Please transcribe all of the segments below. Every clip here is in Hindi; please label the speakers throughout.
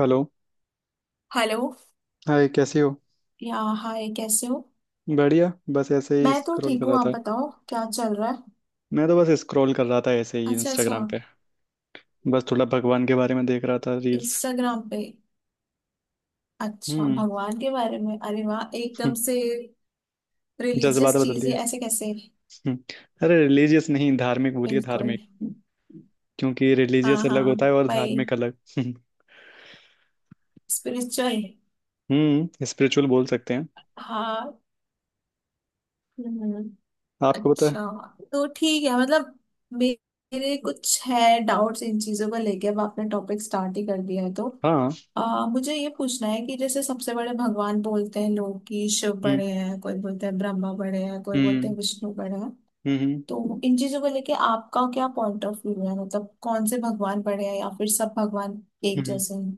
Speaker 1: हेलो।
Speaker 2: हेलो।
Speaker 1: हाय, कैसी हो?
Speaker 2: या हाय, कैसे हो।
Speaker 1: बढ़िया, बस ऐसे ही
Speaker 2: मैं तो
Speaker 1: स्क्रॉल
Speaker 2: ठीक
Speaker 1: कर
Speaker 2: हूँ,
Speaker 1: रहा
Speaker 2: आप
Speaker 1: था।
Speaker 2: बताओ क्या चल रहा है।
Speaker 1: मैं तो बस स्क्रॉल कर रहा था ऐसे ही
Speaker 2: अच्छा अच्छा।
Speaker 1: इंस्टाग्राम पे। बस थोड़ा भगवान के बारे में देख रहा था रील्स।
Speaker 2: इंस्टाग्राम पे। अच्छा
Speaker 1: हम्म।
Speaker 2: भगवान के बारे में, अरे वाह
Speaker 1: हम्म,
Speaker 2: एकदम से।
Speaker 1: जज्बात
Speaker 2: रिलीजियस
Speaker 1: बदल
Speaker 2: चीजें
Speaker 1: दिए।
Speaker 2: ऐसे कैसे।
Speaker 1: हम्म, अरे रिलीजियस नहीं, धार्मिक बोलिए
Speaker 2: बिल्कुल।
Speaker 1: धार्मिक। क्योंकि
Speaker 2: हाँ
Speaker 1: रिलीजियस अलग
Speaker 2: हाँ।
Speaker 1: होता है और
Speaker 2: भाई
Speaker 1: धार्मिक अलग। हम्म।
Speaker 2: स्पिरिचुअल।
Speaker 1: स्पिरिचुअल बोल सकते हैं।
Speaker 2: हाँ। हम्म,
Speaker 1: आपको पता
Speaker 2: अच्छा।
Speaker 1: है।
Speaker 2: तो ठीक है मतलब मे- मेरे कुछ है डाउट्स इन चीजों को लेके, अब आपने टॉपिक स्टार्ट ही कर दिया है तो
Speaker 1: हाँ।
Speaker 2: मुझे ये पूछना है कि जैसे सबसे बड़े भगवान बोलते हैं लोग कि शिव
Speaker 1: हम्म।
Speaker 2: बड़े हैं, कोई बोलते हैं ब्रह्मा बड़े हैं, कोई बोलते हैं
Speaker 1: हम्म।
Speaker 2: विष्णु बड़े हैं।
Speaker 1: हम्म। हम्म।
Speaker 2: तो इन चीजों को लेके आपका क्या पॉइंट ऑफ व्यू है, मतलब कौन से भगवान बड़े हैं या फिर सब भगवान एक
Speaker 1: हम्म।
Speaker 2: जैसे हैं।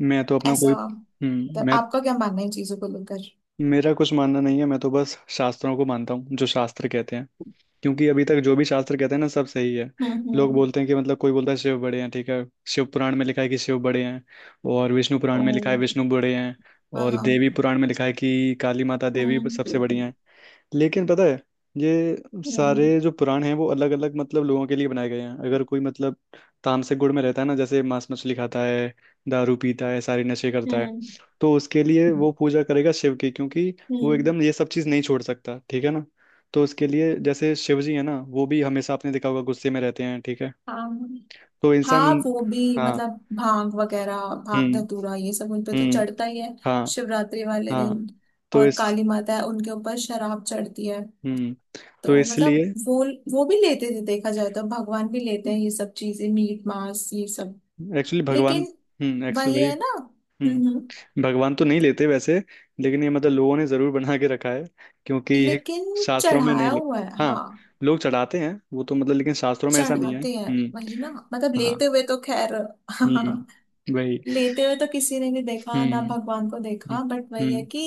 Speaker 1: मैं तो अपना कोई
Speaker 2: ऐसा मतलब
Speaker 1: मैं
Speaker 2: आपका क्या मानना है इन चीजों को लेकर।
Speaker 1: मेरा कुछ मानना नहीं है, मैं तो बस शास्त्रों को मानता हूँ, जो शास्त्र कहते हैं। क्योंकि अभी तक जो भी शास्त्र कहते हैं ना, सब सही है।
Speaker 2: हम्म।
Speaker 1: लोग
Speaker 2: हम्म।
Speaker 1: बोलते हैं कि मतलब, कोई बोलता है शिव बड़े हैं, ठीक है। शिव पुराण में लिखा है कि शिव बड़े हैं। और विष्णु पुराण
Speaker 2: ओ।
Speaker 1: में लिखा है विष्णु बड़े हैं।
Speaker 2: हाँ
Speaker 1: और
Speaker 2: हाँ।
Speaker 1: देवी पुराण में लिखा है कि काली माता देवी सबसे बड़ी हैं।
Speaker 2: हम्म।
Speaker 1: लेकिन पता है, ये
Speaker 2: हम्म।
Speaker 1: सारे जो पुराण हैं वो अलग अलग मतलब लोगों के लिए बनाए गए हैं। अगर कोई मतलब तामसिक गुण में रहता है ना, जैसे मांस मछली खाता है, दारू पीता है, सारी नशे करता है,
Speaker 2: हम्म।
Speaker 1: तो उसके लिए वो पूजा करेगा शिव की। क्योंकि वो
Speaker 2: हम्म।
Speaker 1: एकदम ये सब चीज़ नहीं छोड़ सकता, ठीक है ना। तो उसके लिए जैसे शिव जी है ना, वो भी हमेशा आपने देखा होगा गुस्से में रहते हैं, ठीक है।
Speaker 2: हाँ
Speaker 1: तो इंसान।
Speaker 2: हाँ वो भी
Speaker 1: हाँ।
Speaker 2: मतलब भांग वगैरह। भांग
Speaker 1: हम्म।
Speaker 2: धतूरा ये सब उन पे तो
Speaker 1: हम्म।
Speaker 2: चढ़ता ही है,
Speaker 1: हाँ।
Speaker 2: शिवरात्रि वाले दिन।
Speaker 1: हाँ। तो
Speaker 2: और
Speaker 1: इस,
Speaker 2: काली माता है, उनके ऊपर शराब चढ़ती है।
Speaker 1: हम्म, तो
Speaker 2: तो मतलब
Speaker 1: इसलिए
Speaker 2: वो वो भी लेते थे, देखा जाए तो भगवान भी लेते हैं ये सब चीजें, मीट मांस ये सब।
Speaker 1: एक्चुअली भगवान।
Speaker 2: लेकिन वही
Speaker 1: एक्चुअली, भाई,
Speaker 2: है ना। हम्म।
Speaker 1: भगवान तो नहीं लेते वैसे। लेकिन ये मतलब लोगों ने जरूर बना के रखा है। क्योंकि ये
Speaker 2: लेकिन
Speaker 1: शास्त्रों में
Speaker 2: चढ़ाया
Speaker 1: नहीं लिख।
Speaker 2: हुआ है,
Speaker 1: हाँ,
Speaker 2: हाँ।
Speaker 1: लोग चढ़ाते हैं वो तो मतलब, लेकिन शास्त्रों में ऐसा नहीं है।
Speaker 2: चढ़ाते हैं
Speaker 1: हम्म।
Speaker 2: वही ना मतलब,
Speaker 1: हाँ।
Speaker 2: लेते हुए तो खैर
Speaker 1: वही।
Speaker 2: लेते हुए तो किसी ने नहीं देखा ना,
Speaker 1: हम्म।
Speaker 2: भगवान को
Speaker 1: हम्म।
Speaker 2: देखा बट वही है
Speaker 1: हम्म।
Speaker 2: कि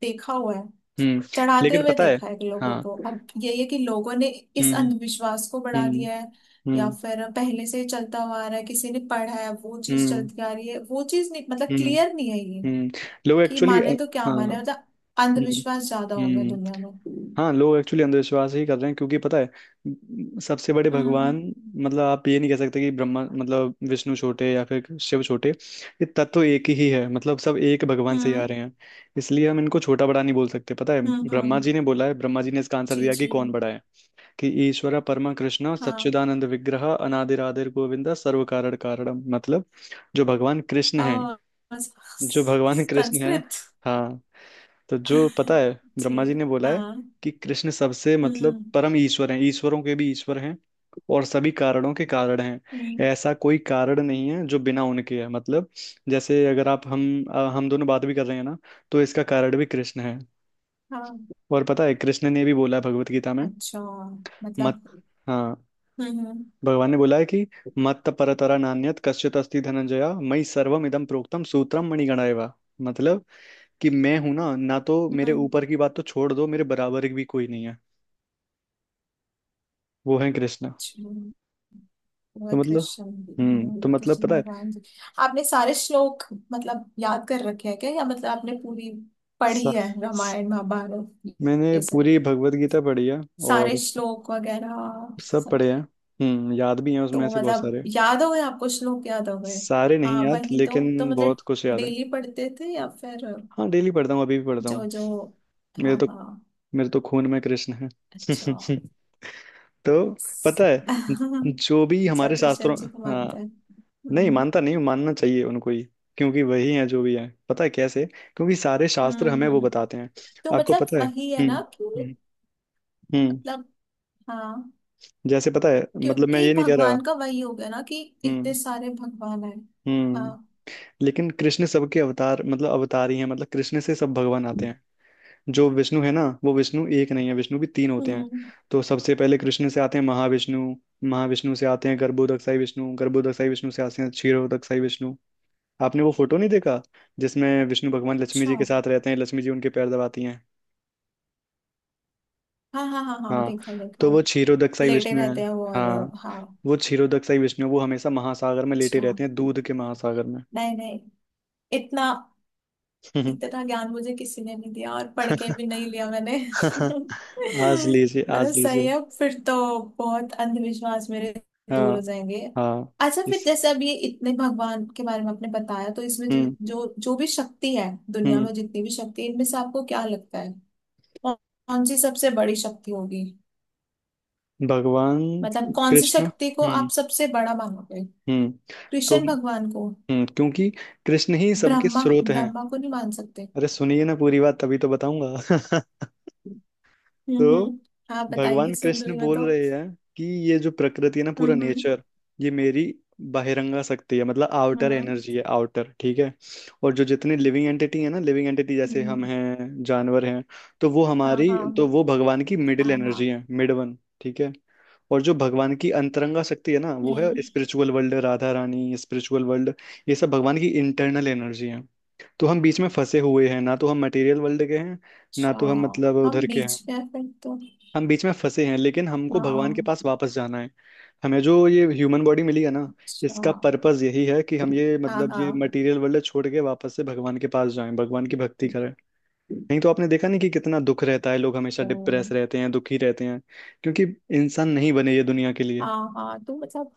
Speaker 2: देखा हुआ है,
Speaker 1: हम्म।
Speaker 2: चढ़ाते
Speaker 1: लेकिन
Speaker 2: हुए
Speaker 1: पता है।
Speaker 2: देखा है कि लोगों
Speaker 1: हाँ।
Speaker 2: को। अब यही है कि लोगों ने इस
Speaker 1: हम्म।
Speaker 2: अंधविश्वास को बढ़ा
Speaker 1: हम्म।
Speaker 2: दिया है, या
Speaker 1: हम्म।
Speaker 2: फिर पहले से ही चलता हुआ आ रहा है, किसी ने पढ़ा है वो चीज
Speaker 1: हम्म।
Speaker 2: चलती आ रही है, वो चीज नहीं मतलब
Speaker 1: हम्म।
Speaker 2: क्लियर नहीं है, ये
Speaker 1: हम्म। लोग
Speaker 2: कि
Speaker 1: एक्चुअली।
Speaker 2: माने तो क्या माने
Speaker 1: हाँ।
Speaker 2: मतलब।
Speaker 1: हम्म।
Speaker 2: अंधविश्वास ज्यादा हो गया
Speaker 1: हम्म।
Speaker 2: दुनिया में।
Speaker 1: हाँ, लोग एक्चुअली अंधविश्वास ही कर रहे हैं क्योंकि पता है, सबसे बड़े
Speaker 2: हम्म।
Speaker 1: भगवान, मतलब आप ये नहीं कह सकते कि ब्रह्मा, मतलब विष्णु छोटे या फिर शिव छोटे। ये तत्व एक ही है, मतलब सब एक भगवान से ही आ
Speaker 2: हम्म।
Speaker 1: रहे हैं। इसलिए हम इनको छोटा बड़ा नहीं बोल सकते। पता है,
Speaker 2: हम्म। हम्म।
Speaker 1: ब्रह्मा जी ने इसका आंसर
Speaker 2: जी
Speaker 1: दिया कि
Speaker 2: जी।
Speaker 1: कौन बड़ा है, कि ईश्वर परमा कृष्ण
Speaker 2: हाँ
Speaker 1: सच्चिदानंद विग्रह अनादिर आदिर गोविंदा सर्व कारण कारणम, मतलब जो भगवान कृष्ण है
Speaker 2: और
Speaker 1: जो भगवान कृष्ण है।
Speaker 2: संस्कृत।
Speaker 1: हाँ। तो जो पता है, ब्रह्मा जी
Speaker 2: जी
Speaker 1: ने बोला है
Speaker 2: हाँ।
Speaker 1: कि कृष्ण सबसे मतलब
Speaker 2: हम्म।
Speaker 1: परम ईश्वर हैं, ईश्वरों के भी ईश्वर हैं। और सभी कारणों के कारण हैं।
Speaker 2: हम्म।
Speaker 1: ऐसा कोई कारण नहीं है जो बिना उनके है, मतलब जैसे अगर हम दोनों बात भी कर रहे हैं ना, तो इसका कारण भी कृष्ण है।
Speaker 2: हाँ।
Speaker 1: और पता है, कृष्ण ने भी बोला है भगवत गीता में।
Speaker 2: अच्छा
Speaker 1: मत
Speaker 2: मतलब।
Speaker 1: हाँ,
Speaker 2: हम्म।
Speaker 1: भगवान ने बोला है कि मत परतरा नान्यत कश्चित अस्ति धनंजया मयि सर्वमिदं प्रोक्तम सूत्रम मणिगणा एव, मतलब कि मैं हूं ना, ना तो
Speaker 2: अच्छा,
Speaker 1: मेरे ऊपर की बात तो छोड़ दो, मेरे बराबर भी कोई नहीं है। वो है कृष्णा।
Speaker 2: वह
Speaker 1: तो मतलब,
Speaker 2: कृष्ण।
Speaker 1: तो मतलब
Speaker 2: कृष्ण
Speaker 1: पता है,
Speaker 2: भगवान जी। आपने सारे श्लोक मतलब याद कर रखे हैं क्या, या मतलब आपने पूरी पढ़ी
Speaker 1: सा,
Speaker 2: है
Speaker 1: स-
Speaker 2: रामायण महाभारत
Speaker 1: मैंने
Speaker 2: ये सब,
Speaker 1: पूरी भगवत गीता पढ़ी है।
Speaker 2: सारे
Speaker 1: और
Speaker 2: श्लोक वगैरह
Speaker 1: सब
Speaker 2: सब।
Speaker 1: पढ़े हैं। याद भी हैं, उसमें
Speaker 2: तो
Speaker 1: ऐसे बहुत
Speaker 2: मतलब
Speaker 1: सारे।
Speaker 2: याद हो गए आपको, श्लोक याद हो गए।
Speaker 1: सारे नहीं
Speaker 2: हाँ
Speaker 1: याद,
Speaker 2: वही तो। तो
Speaker 1: लेकिन
Speaker 2: मतलब
Speaker 1: बहुत कुछ याद है।
Speaker 2: डेली पढ़ते थे या फिर
Speaker 1: हाँ, डेली पढ़ता हूँ, अभी भी पढ़ता
Speaker 2: जो
Speaker 1: हूँ।
Speaker 2: जो। हाँ
Speaker 1: मेरे तो
Speaker 2: हाँ।
Speaker 1: मेरे तो खून में कृष्ण है।
Speaker 2: अच्छा।
Speaker 1: तो पता है, जो भी
Speaker 2: अच्छा,
Speaker 1: हमारे
Speaker 2: कृष्ण
Speaker 1: शास्त्रों।
Speaker 2: जी को मानते
Speaker 1: हाँ।
Speaker 2: हैं।
Speaker 1: नहीं
Speaker 2: हम्म।
Speaker 1: मानता नहीं हूं, मानना चाहिए उनको ही। क्योंकि वही है जो भी है, पता है कैसे, क्योंकि सारे शास्त्र
Speaker 2: हम्म।
Speaker 1: हमें वो
Speaker 2: हम्म।
Speaker 1: बताते हैं।
Speaker 2: तो
Speaker 1: आपको
Speaker 2: मतलब
Speaker 1: पता है।
Speaker 2: वही है
Speaker 1: हम्म।
Speaker 2: ना कि
Speaker 1: हम्म। हम्म।
Speaker 2: मतलब। हाँ,
Speaker 1: जैसे पता है, मतलब मैं
Speaker 2: क्योंकि
Speaker 1: ये नहीं कह रहा।
Speaker 2: भगवान का वही हो गया ना कि इतने
Speaker 1: हम्म।
Speaker 2: सारे भगवान है।
Speaker 1: हम्म।
Speaker 2: हाँ।
Speaker 1: लेकिन कृष्ण सबके अवतार, मतलब अवतार ही हैं, मतलब कृष्ण से सब भगवान आते हैं। जो विष्णु है ना, वो विष्णु एक नहीं है, विष्णु भी तीन होते हैं।
Speaker 2: हम्म।
Speaker 1: तो सबसे पहले कृष्ण से आते हैं महाविष्णु। महाविष्णु से आते हैं गर्भोदकसाई विष्णु, गर्भोदकसाई विष्णु से आते हैं क्षीरोदकसाई विष्णु। आपने वो फोटो नहीं देखा, जिसमें विष्णु भगवान लक्ष्मी
Speaker 2: अच्छा।
Speaker 1: जी
Speaker 2: हाँ
Speaker 1: के साथ रहते हैं, लक्ष्मी जी उनके पैर दबाती हैं।
Speaker 2: हाँ हाँ हाँ,
Speaker 1: हाँ,
Speaker 2: देखा देखा।
Speaker 1: तो वो क्षीरोदकसाई
Speaker 2: लेटे
Speaker 1: विष्णु है।
Speaker 2: रहते हैं वो और।
Speaker 1: हाँ,
Speaker 2: हाँ।
Speaker 1: वो क्षीरोदकसाई विष्णु वो हमेशा महासागर में लेटे
Speaker 2: अच्छा।
Speaker 1: रहते हैं, दूध के महासागर में।
Speaker 2: नहीं नहीं। इतना इतना ज्ञान मुझे किसी ने नहीं दिया, और पढ़ के भी नहीं लिया मैंने।
Speaker 1: आज लीजिए,
Speaker 2: मतलब
Speaker 1: आज
Speaker 2: सही
Speaker 1: लीजिए।
Speaker 2: है फिर तो, बहुत अंधविश्वास मेरे दूर हो
Speaker 1: हाँ
Speaker 2: जाएंगे।
Speaker 1: हाँ।
Speaker 2: अच्छा फिर
Speaker 1: इस।
Speaker 2: जैसे अब ये इतने भगवान के बारे में आपने बताया, तो इसमें जो
Speaker 1: हम्म।
Speaker 2: जो जो भी शक्ति है, दुनिया
Speaker 1: हम्म।
Speaker 2: में जितनी भी शक्ति है इनमें से आपको क्या लगता है, कौन कौन सी सबसे बड़ी शक्ति होगी,
Speaker 1: भगवान
Speaker 2: मतलब कौन सी
Speaker 1: कृष्ण।
Speaker 2: शक्ति को
Speaker 1: हम्म।
Speaker 2: आप सबसे बड़ा मानोगे।
Speaker 1: हम्म। तो,
Speaker 2: कृष्ण भगवान को।
Speaker 1: क्योंकि कृष्ण ही सबके
Speaker 2: ब्रह्मा
Speaker 1: स्रोत हैं।
Speaker 2: ब्रह्मा को नहीं मान सकते।
Speaker 1: अरे सुनिए ना पूरी बात, तभी तो बताऊंगा।
Speaker 2: हम्म।
Speaker 1: तो
Speaker 2: हम्म। हाँ बताइए,
Speaker 1: भगवान
Speaker 2: सुन रही
Speaker 1: कृष्ण
Speaker 2: मैं
Speaker 1: बोल
Speaker 2: तो।
Speaker 1: रहे हैं कि ये जो प्रकृति है ना, पूरा
Speaker 2: हम्म। हम्म।
Speaker 1: नेचर, ये मेरी बहिरंगा शक्ति है, मतलब आउटर
Speaker 2: हम्म।
Speaker 1: एनर्जी है, आउटर, ठीक है। और जो जितने लिविंग एंटिटी है ना, लिविंग एंटिटी जैसे हम
Speaker 2: हम्म,
Speaker 1: हैं, जानवर हैं, तो वो
Speaker 2: हाँ
Speaker 1: हमारी,
Speaker 2: हाँ।
Speaker 1: तो वो भगवान की मिडिल
Speaker 2: हाँ
Speaker 1: एनर्जी
Speaker 2: हाँ।
Speaker 1: है, मिड वन, ठीक है। और जो भगवान की अंतरंगा शक्ति है ना, वो है
Speaker 2: हम्म।
Speaker 1: Spiritual world, Radha Rani, spiritual world. ये सब भगवान की इंटरनल एनर्जी है। तो हम बीच में फंसे हुए हैं ना, तो हम मटेरियल वर्ल्ड के हैं, ना
Speaker 2: अच्छा।
Speaker 1: तो हम मतलब
Speaker 2: हम
Speaker 1: उधर के हैं।
Speaker 2: बीच में हैं फिर तो।
Speaker 1: हम बीच में फंसे हैं, लेकिन हमको भगवान के
Speaker 2: हाँ।
Speaker 1: पास वापस जाना है। हमें जो ये ह्यूमन बॉडी मिली है ना,
Speaker 2: अच्छा।
Speaker 1: इसका पर्पस यही है कि हम ये
Speaker 2: हाँ
Speaker 1: मतलब ये
Speaker 2: हाँ।
Speaker 1: मटेरियल वर्ल्ड छोड़ के वापस से भगवान के पास जाएं, भगवान की भक्ति करें। नहीं तो आपने देखा नहीं कि कितना दुख रहता है, लोग हमेशा
Speaker 2: ओ,
Speaker 1: डिप्रेस रहते हैं, दुखी रहते हैं। क्योंकि इंसान नहीं बने ये दुनिया के लिए।
Speaker 2: हाँ हाँ। तो मतलब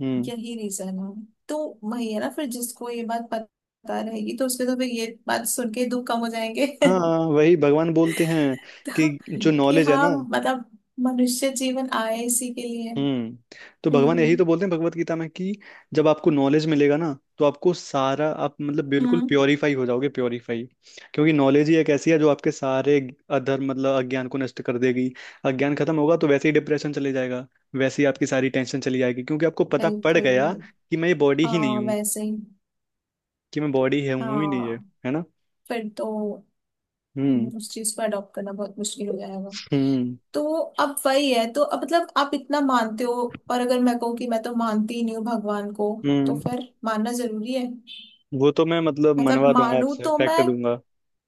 Speaker 1: हम्म।
Speaker 2: यही रीजन है। तो वही है ना, फिर जिसको ये बात पता रहेगी तो उसके तो फिर ये बात सुन के दुख कम हो जाएंगे
Speaker 1: हाँ, वही भगवान बोलते हैं कि
Speaker 2: तो
Speaker 1: जो
Speaker 2: कि
Speaker 1: नॉलेज है ना,
Speaker 2: हाँ मतलब, मनुष्य जीवन आए इसी के लिए।
Speaker 1: हम्म, तो भगवान
Speaker 2: हम्म।
Speaker 1: यही तो
Speaker 2: हम्म।
Speaker 1: बोलते हैं भगवत गीता में कि जब आपको नॉलेज मिलेगा ना, तो आपको सारा, आप मतलब बिल्कुल
Speaker 2: हम्म,
Speaker 1: प्योरीफाई हो जाओगे, प्योरीफाई। क्योंकि नॉलेज ही एक ऐसी है जो आपके सारे अधर्म, मतलब अज्ञान को नष्ट कर देगी। अज्ञान खत्म होगा तो वैसे ही डिप्रेशन चले जाएगा, वैसे ही आपकी सारी टेंशन चली जाएगी, क्योंकि आपको पता पड़
Speaker 2: बिल्कुल।
Speaker 1: गया कि मैं ये बॉडी ही नहीं
Speaker 2: हाँ
Speaker 1: हूँ,
Speaker 2: वैसे ही।
Speaker 1: कि मैं बॉडी है हूँ ही नहीं है,
Speaker 2: हाँ
Speaker 1: है ना।
Speaker 2: फिर तो।
Speaker 1: हम्म।
Speaker 2: उस चीज को अडॉप्ट करना बहुत मुश्किल हो जाएगा।
Speaker 1: हम्म।
Speaker 2: तो अब वही है, तो अब मतलब आप इतना मानते हो, और अगर मैं कहूँ कि मैं तो मानती ही नहीं हूँ भगवान को, तो
Speaker 1: हम्म।
Speaker 2: फिर मानना जरूरी है।
Speaker 1: वो तो मैं मतलब
Speaker 2: मतलब
Speaker 1: मनवा दूंगा
Speaker 2: मानू
Speaker 1: आपसे,
Speaker 2: तो
Speaker 1: फैक्ट
Speaker 2: मैं
Speaker 1: दूंगा।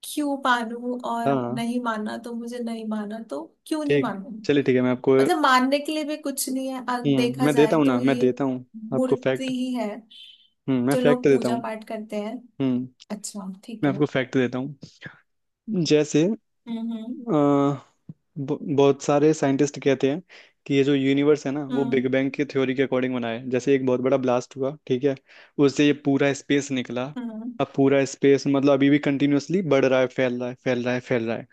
Speaker 2: क्यों मानू, और
Speaker 1: हाँ,
Speaker 2: नहीं मानना तो मुझे, नहीं मानना तो क्यों नहीं
Speaker 1: ठीक,
Speaker 2: मानू।
Speaker 1: चलिए ठीक है, मैं आपको,
Speaker 2: मतलब मानने के लिए भी कुछ नहीं है अगर देखा
Speaker 1: मैं देता
Speaker 2: जाए,
Speaker 1: हूँ ना,
Speaker 2: तो
Speaker 1: मैं
Speaker 2: ये
Speaker 1: देता हूँ आपको
Speaker 2: मूर्ति
Speaker 1: फैक्ट।
Speaker 2: ही है
Speaker 1: मैं
Speaker 2: जो लोग
Speaker 1: फैक्ट देता
Speaker 2: पूजा
Speaker 1: हूँ।
Speaker 2: पाठ करते हैं।
Speaker 1: हम्म
Speaker 2: अच्छा ठीक
Speaker 1: मैं
Speaker 2: है।
Speaker 1: आपको फैक्ट देता हूँ। जैसे
Speaker 2: हम्म।
Speaker 1: अ, बहुत सारे साइंटिस्ट कहते हैं कि ये जो यूनिवर्स है ना, वो
Speaker 2: हम्म।
Speaker 1: बिग बैंग की थ्योरी के अकॉर्डिंग बना है, जैसे एक बहुत बड़ा ब्लास्ट हुआ, ठीक है। उससे ये पूरा स्पेस निकला।
Speaker 2: हम्म।
Speaker 1: अब पूरा स्पेस मतलब अभी भी कंटिन्यूअसली बढ़ रहा है, फैल रहा है, फैल रहा है, फैल रहा है।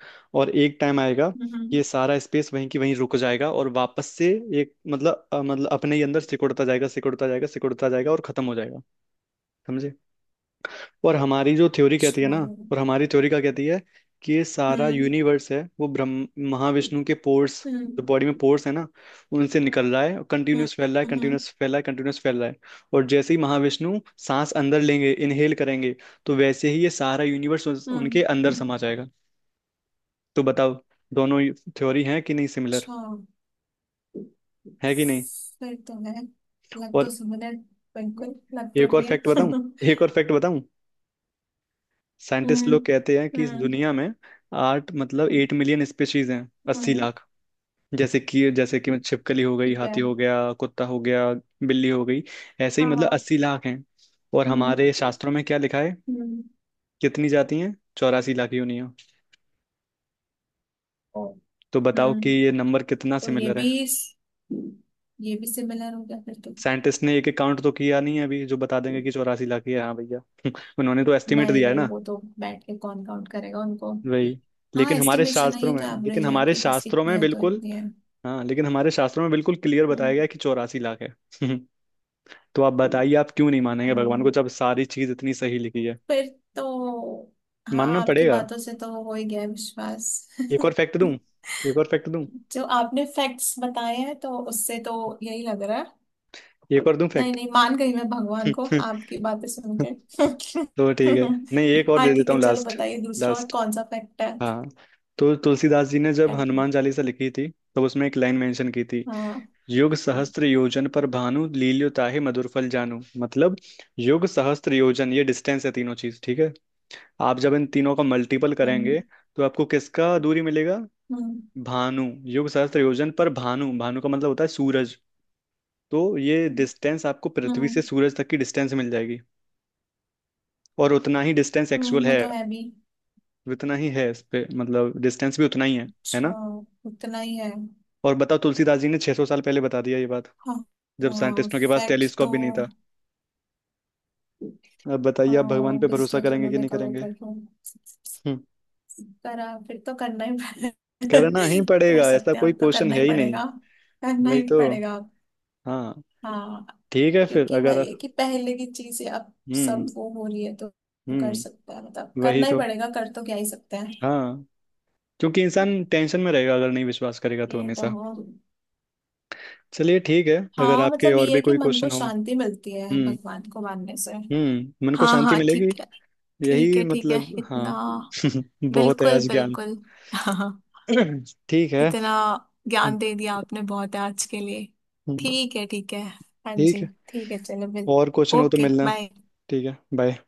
Speaker 1: और एक टाइम आएगा
Speaker 2: हम्म।
Speaker 1: कि
Speaker 2: हम्म।
Speaker 1: ये सारा स्पेस वहीं की वहीं रुक जाएगा, और वापस से एक मतलब मतलब अपने ही अंदर सिकुड़ता जाएगा, सिकुड़ता जाएगा, सिकुड़ता जाएगा, और खत्म हो जाएगा। समझे। और हमारी जो थ्योरी कहती है
Speaker 2: अच्छा।
Speaker 1: ना, और हमारी थ्योरी क्या कहती है कि ये सारा
Speaker 2: हम्म।
Speaker 1: यूनिवर्स है वो ब्रह्म महाविष्णु के पोर्स,
Speaker 2: हम्म।
Speaker 1: जो बॉडी में पोर्स है ना, उनसे निकल रहा है, और
Speaker 2: हम्म।
Speaker 1: कंटिन्यूस फैल रहा है,
Speaker 2: हम्म।
Speaker 1: कंटिन्यूस फैल रहा है, कंटिन्यूस फैल रहा है। और जैसे ही महाविष्णु सांस अंदर लेंगे, इनहेल करेंगे, तो वैसे ही ये सारा यूनिवर्स उनके
Speaker 2: हम्म,
Speaker 1: अंदर समा जाएगा। तो बताओ, दोनों थ्योरी है कि नहीं सिमिलर,
Speaker 2: अच्छा
Speaker 1: है कि नहीं।
Speaker 2: फिर तो है। लग तो
Speaker 1: और
Speaker 2: सिमिलर, बिल्कुल लग तो
Speaker 1: एक और
Speaker 2: रही है
Speaker 1: फैक्ट बताऊं,
Speaker 2: हम्म।
Speaker 1: एक और फैक्ट बताऊं। साइंटिस्ट लोग कहते हैं कि इस
Speaker 2: हम्म।
Speaker 1: दुनिया में आठ मतलब एट मिलियन स्पीशीज हैं, अस्सी
Speaker 2: हम्म।
Speaker 1: लाख। जैसे कि छिपकली हो गई,
Speaker 2: ठीक है।
Speaker 1: हाथी हो गया, कुत्ता हो गया, बिल्ली हो गई, ऐसे ही
Speaker 2: हाँ
Speaker 1: मतलब
Speaker 2: हाँ।
Speaker 1: अस्सी लाख हैं। और हमारे
Speaker 2: हम्म।
Speaker 1: शास्त्रों में क्या लिखा है?
Speaker 2: हम्म।
Speaker 1: कितनी जाती हैं? चौरासी लाख योनियां।
Speaker 2: ओ,
Speaker 1: तो बताओ कि
Speaker 2: हम्म।
Speaker 1: ये नंबर कितना
Speaker 2: तो ये
Speaker 1: सिमिलर है।
Speaker 2: भी ये भी सिमिलर हो गया फिर तो।
Speaker 1: साइंटिस्ट ने एक एक काउंट तो किया नहीं है अभी, जो बता देंगे कि चौरासी लाख ही है, हाँ भैया। उन्होंने तो एस्टिमेट
Speaker 2: नहीं
Speaker 1: दिया है
Speaker 2: नहीं,
Speaker 1: ना।
Speaker 2: वो तो बैठ के कौन काउंट करेगा उनको।
Speaker 1: वही,
Speaker 2: हाँ
Speaker 1: लेकिन हमारे
Speaker 2: एस्टिमेशन है,
Speaker 1: शास्त्रों
Speaker 2: ये
Speaker 1: में
Speaker 2: तो
Speaker 1: लेकिन
Speaker 2: एवरेज है
Speaker 1: हमारे
Speaker 2: कि बस
Speaker 1: शास्त्रों
Speaker 2: इतनी
Speaker 1: में
Speaker 2: है तो
Speaker 1: बिल्कुल,
Speaker 2: इतनी है।
Speaker 1: हाँ, लेकिन हमारे शास्त्रों में बिल्कुल क्लियर बताया गया है कि चौरासी लाख है। तो आप बताइए, आप क्यों नहीं मानेंगे भगवान को,
Speaker 2: हम्म।
Speaker 1: जब सारी चीज इतनी सही लिखी है।
Speaker 2: फिर तो। हाँ,
Speaker 1: मानना
Speaker 2: आपकी
Speaker 1: पड़ेगा।
Speaker 2: बातों से तो हो ही गया है विश्वास।
Speaker 1: एक और फैक्ट दूं, एक और फैक्ट दूं,
Speaker 2: जो आपने फैक्ट्स बताए हैं तो उससे तो यही लग रहा है।
Speaker 1: एक और दूं
Speaker 2: नहीं
Speaker 1: फैक्ट।
Speaker 2: नहीं, मान गई मैं भगवान को, हाँ, आपकी बातें सुन के।
Speaker 1: तो ठीक है, नहीं एक और
Speaker 2: हाँ
Speaker 1: दे
Speaker 2: ठीक
Speaker 1: देता
Speaker 2: है,
Speaker 1: हूँ,
Speaker 2: चलो
Speaker 1: लास्ट,
Speaker 2: बताइए दूसरा और
Speaker 1: लास्ट।
Speaker 2: कौन सा फैक्ट है।
Speaker 1: हाँ, तो तुलसीदास जी ने जब हनुमान चालीसा लिखी थी, तब उसमें एक लाइन मेंशन की थी,
Speaker 2: हाँ।
Speaker 1: युग सहस्त्र योजन पर भानु लील्यो ताहि मधुर फल जानू, मतलब युग सहस्त्र योजन, ये डिस्टेंस है, तीनों चीज, ठीक है। आप जब इन तीनों का मल्टीपल
Speaker 2: हम्म।
Speaker 1: करेंगे, तो आपको किसका दूरी मिलेगा,
Speaker 2: हम्म।
Speaker 1: भानु, योग सहस्त्र योजन पर भानु, भानु का मतलब होता है सूरज। तो ये
Speaker 2: हम्म।
Speaker 1: डिस्टेंस आपको पृथ्वी से
Speaker 2: हम्म।
Speaker 1: सूरज तक की डिस्टेंस मिल जाएगी। और उतना ही डिस्टेंस एक्चुअल
Speaker 2: वो
Speaker 1: है।
Speaker 2: तो है भी।
Speaker 1: उतना ही है इस पे, मतलब डिस्टेंस भी उतना ही है
Speaker 2: अच्छा।
Speaker 1: ना।
Speaker 2: उतना ही है।
Speaker 1: और बताओ, तुलसीदास जी ने 600 साल पहले बता दिया ये बात,
Speaker 2: हाँ।
Speaker 1: जब
Speaker 2: हाँ
Speaker 1: साइंटिस्टों के पास
Speaker 2: फैक्ट
Speaker 1: टेलीस्कोप
Speaker 2: तो।
Speaker 1: भी नहीं था। अब बताइए, आप भगवान पे भरोसा
Speaker 2: डिस्टेंस
Speaker 1: करेंगे कि
Speaker 2: उन्होंने
Speaker 1: नहीं
Speaker 2: कवर
Speaker 1: करेंगे?
Speaker 2: कर दिया।
Speaker 1: हम्म,
Speaker 2: करा फिर तो
Speaker 1: करना ही
Speaker 2: कर
Speaker 1: पड़ेगा, ऐसा
Speaker 2: सकते हैं,
Speaker 1: कोई
Speaker 2: अब तो
Speaker 1: क्वेश्चन
Speaker 2: करना
Speaker 1: है
Speaker 2: ही
Speaker 1: ही नहीं।
Speaker 2: पड़ेगा। करना
Speaker 1: वही
Speaker 2: ही
Speaker 1: तो,
Speaker 2: पड़ेगा अब,
Speaker 1: हाँ,
Speaker 2: हाँ।
Speaker 1: ठीक है फिर,
Speaker 2: क्योंकि
Speaker 1: अगर
Speaker 2: वही है कि पहले की चीजें अब
Speaker 1: हम्म।
Speaker 2: सब वो हो रही है, तो कर
Speaker 1: हम्म।
Speaker 2: सकता है मतलब
Speaker 1: वही
Speaker 2: करना ही
Speaker 1: तो,
Speaker 2: पड़ेगा, कर तो क्या ही सकते हैं।
Speaker 1: हाँ, क्योंकि इंसान टेंशन में रहेगा अगर नहीं विश्वास करेगा तो
Speaker 2: ये तो
Speaker 1: हमेशा।
Speaker 2: हो।
Speaker 1: चलिए ठीक है, अगर
Speaker 2: हाँ
Speaker 1: आपके
Speaker 2: मतलब
Speaker 1: और
Speaker 2: ये है
Speaker 1: भी
Speaker 2: कि
Speaker 1: कोई
Speaker 2: मन को
Speaker 1: क्वेश्चन हो।
Speaker 2: शांति मिलती है
Speaker 1: हम्म।
Speaker 2: भगवान को मानने से।
Speaker 1: हम्म, मन को
Speaker 2: हाँ
Speaker 1: शांति
Speaker 2: हाँ
Speaker 1: मिलेगी।
Speaker 2: ठीक है। ठीक
Speaker 1: यही
Speaker 2: है ठीक है
Speaker 1: मतलब,
Speaker 2: इतना।
Speaker 1: हाँ। बहुत है
Speaker 2: बिल्कुल
Speaker 1: आज ज्ञान।
Speaker 2: बिल्कुल
Speaker 1: ठीक है।
Speaker 2: इतना
Speaker 1: हम्म।
Speaker 2: ज्ञान दे दिया आपने, बहुत है आज के लिए।
Speaker 1: हम्म।
Speaker 2: ठीक है ठीक है। हाँ
Speaker 1: ठीक
Speaker 2: जी
Speaker 1: है।
Speaker 2: ठीक है, चलो बिल।
Speaker 1: और क्वेश्चन हो तो
Speaker 2: ओके
Speaker 1: मिलना।
Speaker 2: बाय।
Speaker 1: ठीक है बाय।